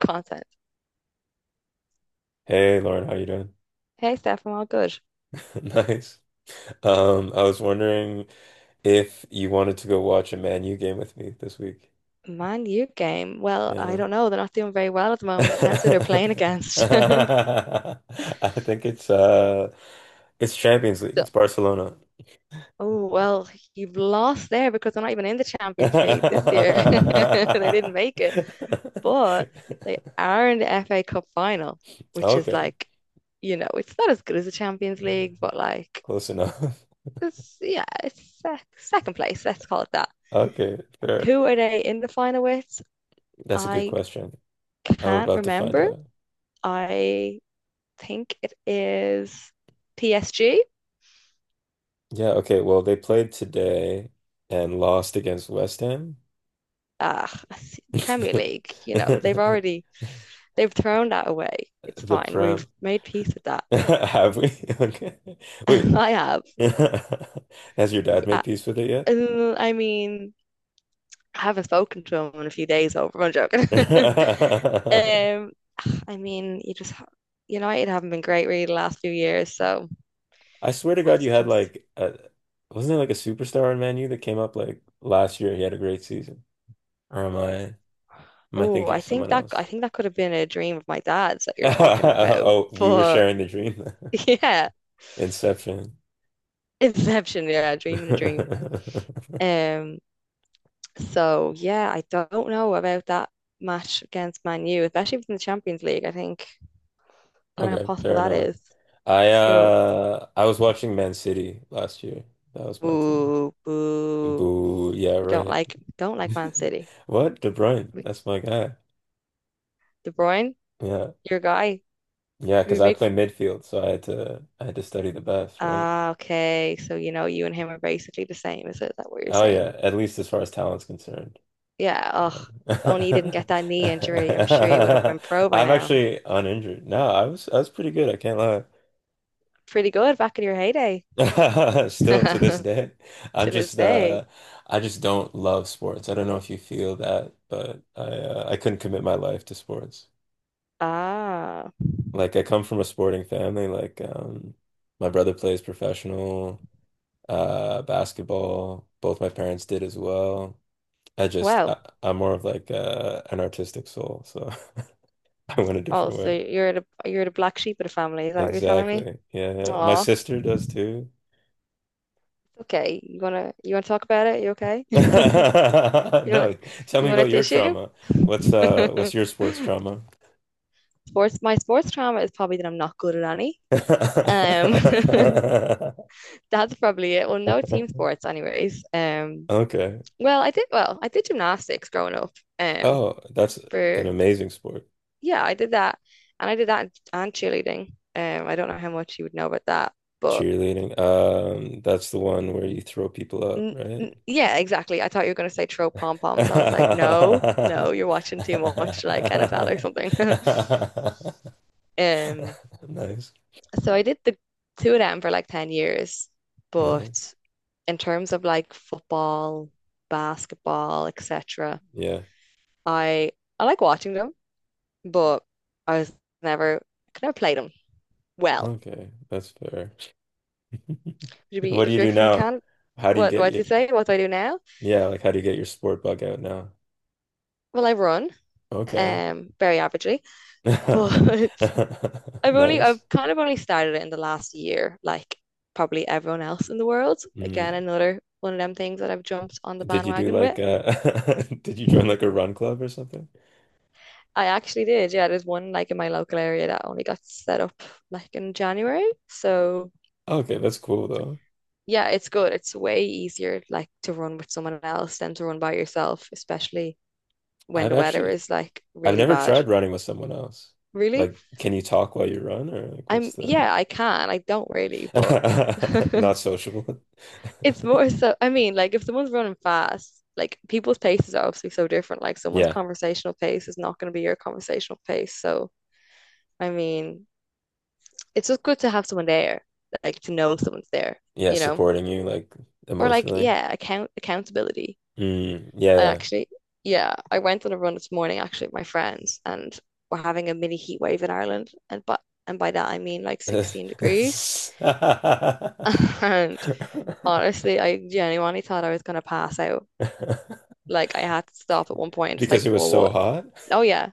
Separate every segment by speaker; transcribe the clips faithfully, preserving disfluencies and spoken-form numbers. Speaker 1: Content.
Speaker 2: Hey Lauren, how you doing?
Speaker 1: Hey Steph, I'm all good.
Speaker 2: Nice. Um, I was wondering if you wanted to go watch a Man U game with me this week.
Speaker 1: Man U game. Well, I
Speaker 2: Yeah.
Speaker 1: don't know. They're not doing very well at the moment. Depends who they're playing against.
Speaker 2: I think it's uh it's Champions League.
Speaker 1: So,
Speaker 2: It's Barcelona.
Speaker 1: oh well, you've lost there because they're not even in the Champions League this year. They didn't make it, but they are in the F A Cup final, which is
Speaker 2: Okay,
Speaker 1: like, you know, it's not as good as the Champions League, but like,
Speaker 2: close enough.
Speaker 1: it's yeah, it's sec second place. Let's call it that.
Speaker 2: Okay, fair.
Speaker 1: Who are they in the final with?
Speaker 2: That's a good
Speaker 1: I
Speaker 2: question. I'm
Speaker 1: can't
Speaker 2: about to find
Speaker 1: remember.
Speaker 2: out.
Speaker 1: I think it is P S G.
Speaker 2: Yeah, okay. Well, they played today and lost against West Ham.
Speaker 1: Ah, Premier League, you know, they've
Speaker 2: The
Speaker 1: already they've thrown that away. It's fine.
Speaker 2: prom.
Speaker 1: We've made peace with that.
Speaker 2: Have we? Okay. Wait.
Speaker 1: I have.
Speaker 2: Has your dad
Speaker 1: I,
Speaker 2: made peace with it yet?
Speaker 1: I mean, I haven't spoken to him in a few days over. I'm joking. um, I mean, you just United haven't been great really the last few years, so
Speaker 2: I swear to
Speaker 1: I have
Speaker 2: God, you
Speaker 1: to
Speaker 2: had
Speaker 1: just.
Speaker 2: like a, wasn't there like a superstar on Man U that came up like last year? He had a great season. Or am I am I
Speaker 1: Oh,
Speaker 2: thinking
Speaker 1: I
Speaker 2: of
Speaker 1: think
Speaker 2: someone
Speaker 1: that I
Speaker 2: else?
Speaker 1: think that could have been a dream of my dad's that you're talking about.
Speaker 2: Oh, we were
Speaker 1: But
Speaker 2: sharing the dream.
Speaker 1: yeah.
Speaker 2: Inception.
Speaker 1: Inception, yeah, dream in a dream. Um, so yeah, I don't know about that match against Man U, especially within the Champions League. I think Don't know how
Speaker 2: Okay,
Speaker 1: possible
Speaker 2: fair
Speaker 1: that
Speaker 2: enough.
Speaker 1: is.
Speaker 2: I
Speaker 1: So
Speaker 2: uh I was watching Man City last year. That was my team.
Speaker 1: boo, boo.
Speaker 2: Boo, yeah,
Speaker 1: We don't
Speaker 2: right.
Speaker 1: like don't like Man City.
Speaker 2: What? De Bruyne,
Speaker 1: We-
Speaker 2: that's my guy.
Speaker 1: De Bruyne,
Speaker 2: Yeah.
Speaker 1: your guy,
Speaker 2: Yeah,
Speaker 1: we
Speaker 2: because I
Speaker 1: big.
Speaker 2: play
Speaker 1: f-
Speaker 2: midfield, so I had to I had to study the best, right?
Speaker 1: Ah, okay. So you know you and him are basically the same. Is that, is that what you're
Speaker 2: Oh
Speaker 1: saying?
Speaker 2: yeah, at least as far as talent's concerned.
Speaker 1: Yeah. Oh, if only you didn't
Speaker 2: Yeah.
Speaker 1: get that knee injury. I'm sure you would have been pro by
Speaker 2: I'm
Speaker 1: now.
Speaker 2: actually uninjured. No, I was I was pretty good, I can't lie.
Speaker 1: Pretty good back in your heyday.
Speaker 2: Still to this day. I'm
Speaker 1: To this
Speaker 2: just
Speaker 1: day.
Speaker 2: uh I just don't love sports. I don't know if you feel that, but I uh, I couldn't commit my life to sports.
Speaker 1: Ah,
Speaker 2: Like I come from a sporting family. Like um, my brother plays professional uh, basketball. Both my parents did as well. I just
Speaker 1: well.
Speaker 2: I, I'm more of like uh, an artistic soul, so I went a
Speaker 1: Oh,
Speaker 2: different
Speaker 1: so
Speaker 2: way.
Speaker 1: you're the you're the black sheep of the family. Is that what you're telling me?
Speaker 2: Exactly. Yeah, yeah. My
Speaker 1: Oh,
Speaker 2: sister does too.
Speaker 1: okay. You wanna you wanna talk about it? You okay? You want
Speaker 2: No, tell
Speaker 1: you
Speaker 2: me
Speaker 1: want a
Speaker 2: about your
Speaker 1: tissue?
Speaker 2: trauma. What's uh what's your sports trauma?
Speaker 1: Sports. My sports trauma is probably that I'm not good at any. Um, that's probably it. Well, no team sports, anyways. Um,
Speaker 2: Okay.
Speaker 1: well, I did well. I did gymnastics growing up. Um,
Speaker 2: Oh, that's an
Speaker 1: for
Speaker 2: amazing sport.
Speaker 1: Yeah, I did that, and I did that and cheerleading. Um, I don't know how much you would know about that, but.
Speaker 2: Cheerleading. Um, that's the one where you throw people up,
Speaker 1: N
Speaker 2: right?
Speaker 1: n- yeah, exactly. I thought you were going to say throw pom poms. I was like, no, no, you're watching too much like N F L or something. Um,
Speaker 2: Nice.
Speaker 1: so I did the two of them for like ten years.
Speaker 2: Nice.
Speaker 1: But in terms of like football, basketball, et cetera,
Speaker 2: Yeah.
Speaker 1: I I like watching them, but I was never could never play them well.
Speaker 2: Okay. That's fair.
Speaker 1: Would be
Speaker 2: What do
Speaker 1: if
Speaker 2: you
Speaker 1: you're
Speaker 2: do
Speaker 1: from
Speaker 2: now?
Speaker 1: Canada,
Speaker 2: How do you
Speaker 1: what
Speaker 2: get
Speaker 1: what do
Speaker 2: your,
Speaker 1: you say? What do I do now?
Speaker 2: Yeah, like how do you get your sport bug out now?
Speaker 1: Well, I run,
Speaker 2: Okay.
Speaker 1: um, very averagely, but I've only
Speaker 2: Nice.
Speaker 1: I've kind of only started it in the last year, like probably everyone else in the world. Again,
Speaker 2: Mm.
Speaker 1: another one of them things that I've jumped on the
Speaker 2: Did you do
Speaker 1: bandwagon
Speaker 2: like uh did you join
Speaker 1: with.
Speaker 2: like a run club or something?
Speaker 1: I actually did, yeah. There's one like in my local area that only got set up like in January. So
Speaker 2: Okay, that's cool though.
Speaker 1: yeah, it's good. It's way easier like to run with someone else than to run by yourself, especially when
Speaker 2: I've
Speaker 1: the weather
Speaker 2: actually
Speaker 1: is like
Speaker 2: I've
Speaker 1: really
Speaker 2: never
Speaker 1: bad.
Speaker 2: tried running with someone else.
Speaker 1: Really?
Speaker 2: Like, can you talk while you run, or like,
Speaker 1: I'm
Speaker 2: what's the
Speaker 1: Yeah, I can. I don't really, but
Speaker 2: Not sociable?
Speaker 1: It's more so, I mean, like if someone's running fast, like people's paces are obviously so different. Like someone's
Speaker 2: Yeah,
Speaker 1: conversational pace is not going to be your conversational pace. So, I mean, it's just good to have someone there, like to know someone's there,
Speaker 2: yeah,
Speaker 1: you know?
Speaker 2: supporting you like
Speaker 1: Or like,
Speaker 2: emotionally.
Speaker 1: yeah, account accountability.
Speaker 2: Mm,
Speaker 1: I
Speaker 2: yeah,
Speaker 1: actually, yeah, I went on a run this morning actually with my friends and we're having a mini heat wave in Ireland. And but and by that I mean like
Speaker 2: yeah.
Speaker 1: sixteen degrees. And honestly, I genuinely thought I was gonna pass out. Like I had to stop at one point and just
Speaker 2: Because
Speaker 1: like
Speaker 2: it was
Speaker 1: pour
Speaker 2: so
Speaker 1: water.
Speaker 2: hot.
Speaker 1: Oh yeah,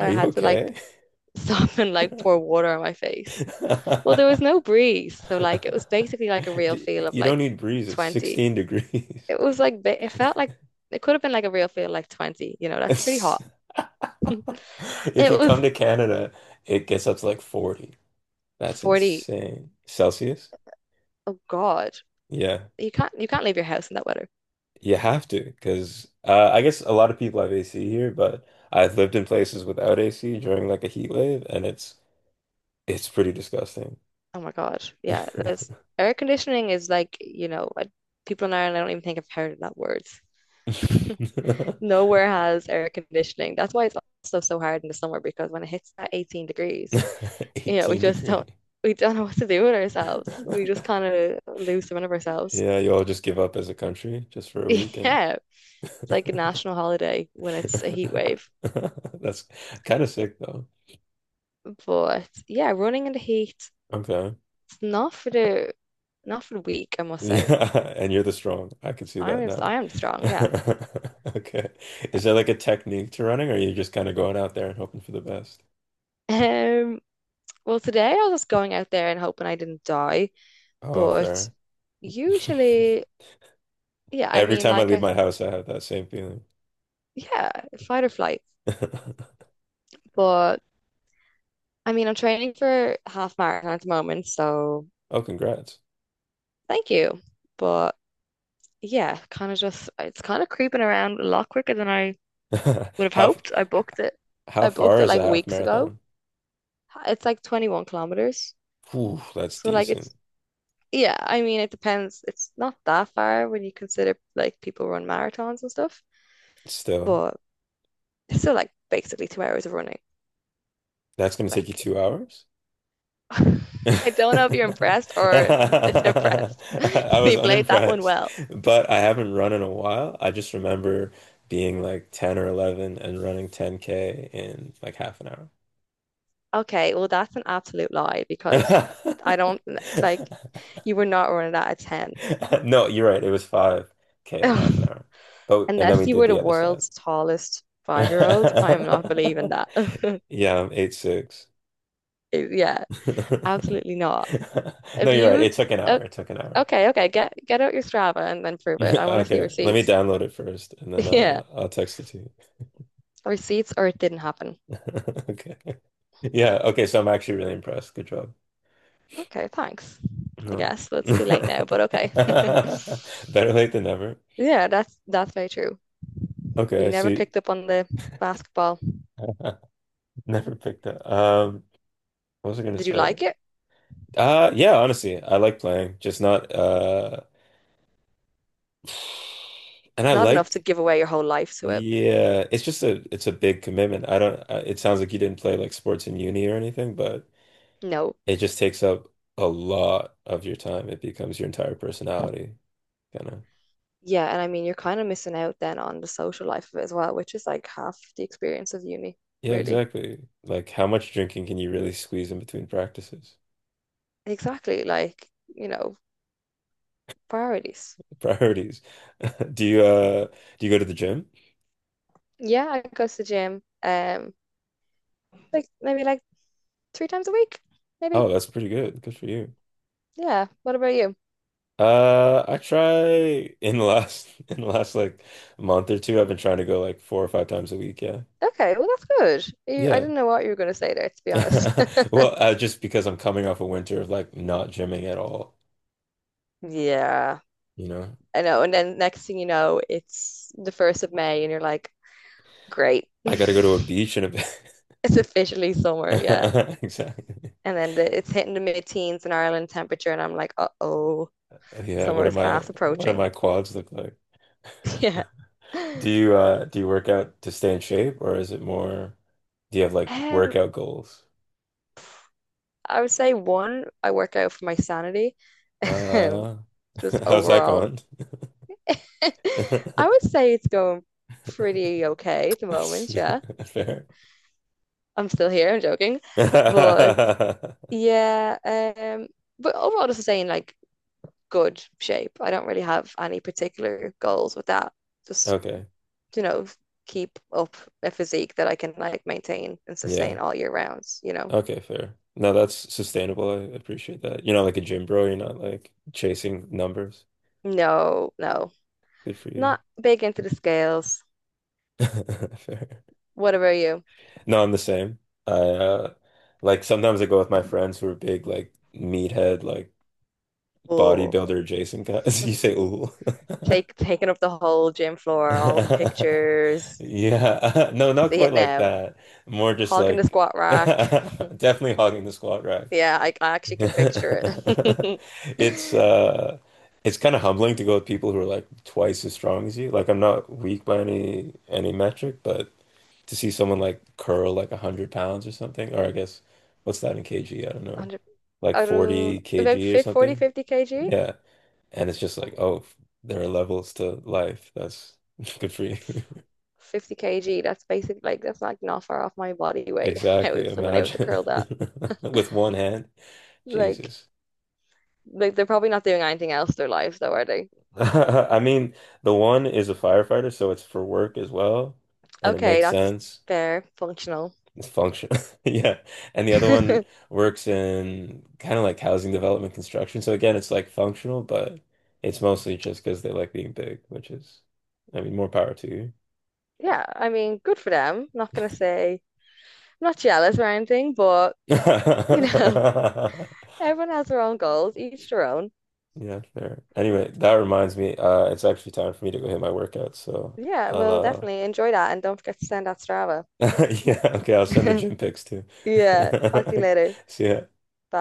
Speaker 1: I
Speaker 2: Are you
Speaker 1: had to
Speaker 2: okay?
Speaker 1: like stop and like pour water on my face. Well, there was no breeze, so like it was basically like a real
Speaker 2: D-
Speaker 1: feel of
Speaker 2: You don't
Speaker 1: like
Speaker 2: need breeze. It's
Speaker 1: twenty.
Speaker 2: sixteen degrees.
Speaker 1: It was like ba- it felt like it could have been like a real feel like twenty, you know, that's pretty hot.
Speaker 2: If
Speaker 1: It
Speaker 2: you come
Speaker 1: was
Speaker 2: to Canada, it gets up to like forty. That's
Speaker 1: forty.
Speaker 2: insane. Celsius?
Speaker 1: Oh God.
Speaker 2: Yeah.
Speaker 1: You can't you can't leave your house in that weather.
Speaker 2: You have to, because uh, I guess a lot of people have A C here, but I've lived in places without A C during like a heat wave, and it's it's pretty disgusting.
Speaker 1: Oh my God. Yeah, there's air conditioning is like, you know, I, people in Ireland I don't even think I've heard of that word. Nowhere has air conditioning. That's why it's also so hard in the summer because when it hits that eighteen degrees, you know, we
Speaker 2: eighteen
Speaker 1: just
Speaker 2: degree.
Speaker 1: don't we don't know what to do with ourselves. We just kind of lose the run of ourselves.
Speaker 2: Yeah, you all just give up as a country just for a week and
Speaker 1: Yeah. It's like a national holiday when it's a heat wave.
Speaker 2: that's kind of sick though.
Speaker 1: But yeah, running in the heat,
Speaker 2: Okay.
Speaker 1: it's not for the not for the weak, I must say.
Speaker 2: Yeah, and you're the strong. I can see that
Speaker 1: I'm
Speaker 2: now.
Speaker 1: I am strong, yeah.
Speaker 2: Okay. Is there like a technique to running, or are you just kind of going out there and hoping for the best?
Speaker 1: Um, well, today I was just going out there and hoping I didn't die,
Speaker 2: Oh,
Speaker 1: but
Speaker 2: fair.
Speaker 1: usually, yeah, I
Speaker 2: Every
Speaker 1: mean,
Speaker 2: time I
Speaker 1: like
Speaker 2: leave
Speaker 1: I
Speaker 2: my house, I have that same feeling.
Speaker 1: yeah, fight or flight. But I mean, I'm training for half marathon at the moment, so
Speaker 2: Oh, congrats.
Speaker 1: thank you. But yeah, kind of just it's kind of creeping around a lot quicker than I would have
Speaker 2: How
Speaker 1: hoped. I booked it.
Speaker 2: how
Speaker 1: I booked
Speaker 2: far
Speaker 1: it
Speaker 2: is a
Speaker 1: like
Speaker 2: half
Speaker 1: weeks ago.
Speaker 2: marathon?
Speaker 1: It's like twenty-one kilometers.
Speaker 2: Ooh, that's
Speaker 1: So like
Speaker 2: decent.
Speaker 1: it's yeah, I mean it depends. It's not that far when you consider like people run marathons and stuff,
Speaker 2: Still,
Speaker 1: but it's still like basically two hours of running.
Speaker 2: that's gonna take you
Speaker 1: Like
Speaker 2: two hours?
Speaker 1: I don't know if you're
Speaker 2: I
Speaker 1: impressed or disimpressed.
Speaker 2: was
Speaker 1: You played that one
Speaker 2: unimpressed,
Speaker 1: well.
Speaker 2: but I haven't run in a while. I just remember being like ten or eleven and running ten K in like half an hour.
Speaker 1: Okay, well, that's an absolute lie because I don't like you were not running that at ten.
Speaker 2: No, you're right. It was five K in half an hour. But and then
Speaker 1: Unless
Speaker 2: we
Speaker 1: you
Speaker 2: did
Speaker 1: were the
Speaker 2: the other side.
Speaker 1: world's tallest five-year-old, I am not believing that.
Speaker 2: Yeah, I'm eight'six".
Speaker 1: Yeah, absolutely not.
Speaker 2: No,
Speaker 1: If
Speaker 2: you're right.
Speaker 1: you,
Speaker 2: It took an
Speaker 1: uh,
Speaker 2: hour. It took an hour.
Speaker 1: okay, okay, get get out your Strava and then prove it. I want to see
Speaker 2: Okay, let me
Speaker 1: receipts.
Speaker 2: download it first and then
Speaker 1: Yeah,
Speaker 2: uh, I'll text it to you.
Speaker 1: receipts or it didn't happen.
Speaker 2: Okay. Yeah, okay, so I'm actually really impressed. Good job.
Speaker 1: Okay, thanks. I
Speaker 2: No.
Speaker 1: guess that's too late now,
Speaker 2: Better
Speaker 1: but okay.
Speaker 2: late than never.
Speaker 1: Yeah, that's that's very true.
Speaker 2: Okay,
Speaker 1: You
Speaker 2: I
Speaker 1: never
Speaker 2: see.
Speaker 1: picked up on the basketball.
Speaker 2: Never picked up. Um, what was I gonna
Speaker 1: Did you
Speaker 2: say?
Speaker 1: like it?
Speaker 2: Uh yeah, honestly, I like playing, just not uh and I
Speaker 1: Not enough
Speaker 2: like
Speaker 1: to give away your whole life to it.
Speaker 2: yeah, it's just a it's a big commitment. I don't I, It sounds like you didn't play like sports in uni or anything, but
Speaker 1: No.
Speaker 2: it just takes up a lot of your time. It becomes your entire personality, kind of.
Speaker 1: Yeah, and I mean you're kind of missing out then on the social life of it as well, which is like half the experience of uni,
Speaker 2: Yeah,
Speaker 1: really.
Speaker 2: exactly. Like, how much drinking can you really squeeze in between practices?
Speaker 1: Exactly, like, you know, priorities.
Speaker 2: Priorities. Do you uh do you go to the gym?
Speaker 1: Yeah, I go to the gym, um, like maybe like three times a week, maybe.
Speaker 2: Oh, that's pretty good. Good for you.
Speaker 1: Yeah. What about you?
Speaker 2: Uh, I try in the last in the last like month or two, I've been trying to go like four or five times a week. Yeah.
Speaker 1: Okay, well that's good. You, I
Speaker 2: Yeah.
Speaker 1: didn't know what you were going to say there, to be honest.
Speaker 2: Well, uh, just because I'm coming off a winter of like not gymming at all,
Speaker 1: Yeah.
Speaker 2: you know.
Speaker 1: I know. And then next thing you know, it's the first of May, and you're like, great,
Speaker 2: I gotta go to a
Speaker 1: it's
Speaker 2: beach in a bit.
Speaker 1: officially summer. Yeah.
Speaker 2: Exactly.
Speaker 1: And then the, it's hitting the mid-teens in Ireland temperature, and I'm like, uh-oh,
Speaker 2: Oh, yeah,
Speaker 1: summer
Speaker 2: what am
Speaker 1: is
Speaker 2: my
Speaker 1: fast
Speaker 2: what do
Speaker 1: approaching.
Speaker 2: my quads look like?
Speaker 1: Yeah.
Speaker 2: Do you uh do you work out to stay in shape or is it more do you have like
Speaker 1: Um,
Speaker 2: workout goals?
Speaker 1: I would say one, I work out for my sanity.
Speaker 2: Uh
Speaker 1: Just
Speaker 2: how's that
Speaker 1: overall,
Speaker 2: going?
Speaker 1: I would say it's going pretty okay at the moment. Yeah,
Speaker 2: Fair.
Speaker 1: I'm still here. I'm joking, but yeah. Um, but overall, just saying like good shape. I don't really have any particular goals with that. Just,
Speaker 2: Okay.
Speaker 1: you know, keep up a physique that I can like maintain and
Speaker 2: Yeah.
Speaker 1: sustain all year rounds, you know.
Speaker 2: Okay, fair. No, that's sustainable. I appreciate that. You're not like a gym bro, you're not like chasing numbers.
Speaker 1: No, no.
Speaker 2: Good for you.
Speaker 1: Not big into the scales.
Speaker 2: Fair.
Speaker 1: What about you?
Speaker 2: No, I'm the same. I uh Like sometimes I go with my friends who are big like meathead like
Speaker 1: Oh,
Speaker 2: bodybuilder Jason got you say ooh.
Speaker 1: take taking up the whole gym floor, all the pictures.
Speaker 2: Yeah. No, not
Speaker 1: See
Speaker 2: quite
Speaker 1: it
Speaker 2: like
Speaker 1: now.
Speaker 2: that. More just
Speaker 1: Hogging the
Speaker 2: like
Speaker 1: squat rack.
Speaker 2: definitely hogging the squat rack.
Speaker 1: Yeah, I, I actually can picture it.
Speaker 2: It's uh it's kind of humbling to go with people who are like twice as strong as you. Like I'm not weak by any any metric, but to see someone like curl like one hundred pounds or something, or I guess what's that in kg? I don't know.
Speaker 1: one hundred,
Speaker 2: Like
Speaker 1: I don't know,
Speaker 2: 40
Speaker 1: about
Speaker 2: kg or
Speaker 1: fifty, forty,
Speaker 2: something.
Speaker 1: kg.
Speaker 2: Yeah. And it's just like, oh, there are levels to life. That's good for you.
Speaker 1: fifty kilos. That's basically like that's like not far off my body weight. How
Speaker 2: Exactly.
Speaker 1: is someone able to
Speaker 2: Imagine
Speaker 1: curl that?
Speaker 2: with one hand.
Speaker 1: Like,
Speaker 2: Jesus.
Speaker 1: like they're probably not doing anything else in their lives though, are they?
Speaker 2: I mean, the one is a firefighter, so it's for work as well, and it
Speaker 1: Okay,
Speaker 2: makes
Speaker 1: that's
Speaker 2: sense.
Speaker 1: fair, functional.
Speaker 2: It's functional, yeah. And the other one works in kind of like housing development construction. So again, it's like functional, but it's mostly just because they like being big, which is, I mean, more power to
Speaker 1: Yeah, I mean, good for them. Not gonna say I'm not jealous or anything, but you know,
Speaker 2: you.
Speaker 1: everyone has their own goals, each their own.
Speaker 2: Yeah, fair. Anyway, that reminds me, uh, it's actually time for me to go hit my workout, so
Speaker 1: Yeah,
Speaker 2: I'll
Speaker 1: well,
Speaker 2: uh
Speaker 1: definitely enjoy that and don't forget to send that Strava.
Speaker 2: yeah, okay, I'll send the gym pics too.
Speaker 1: Yeah, talk to you later.
Speaker 2: See ya.
Speaker 1: Bye.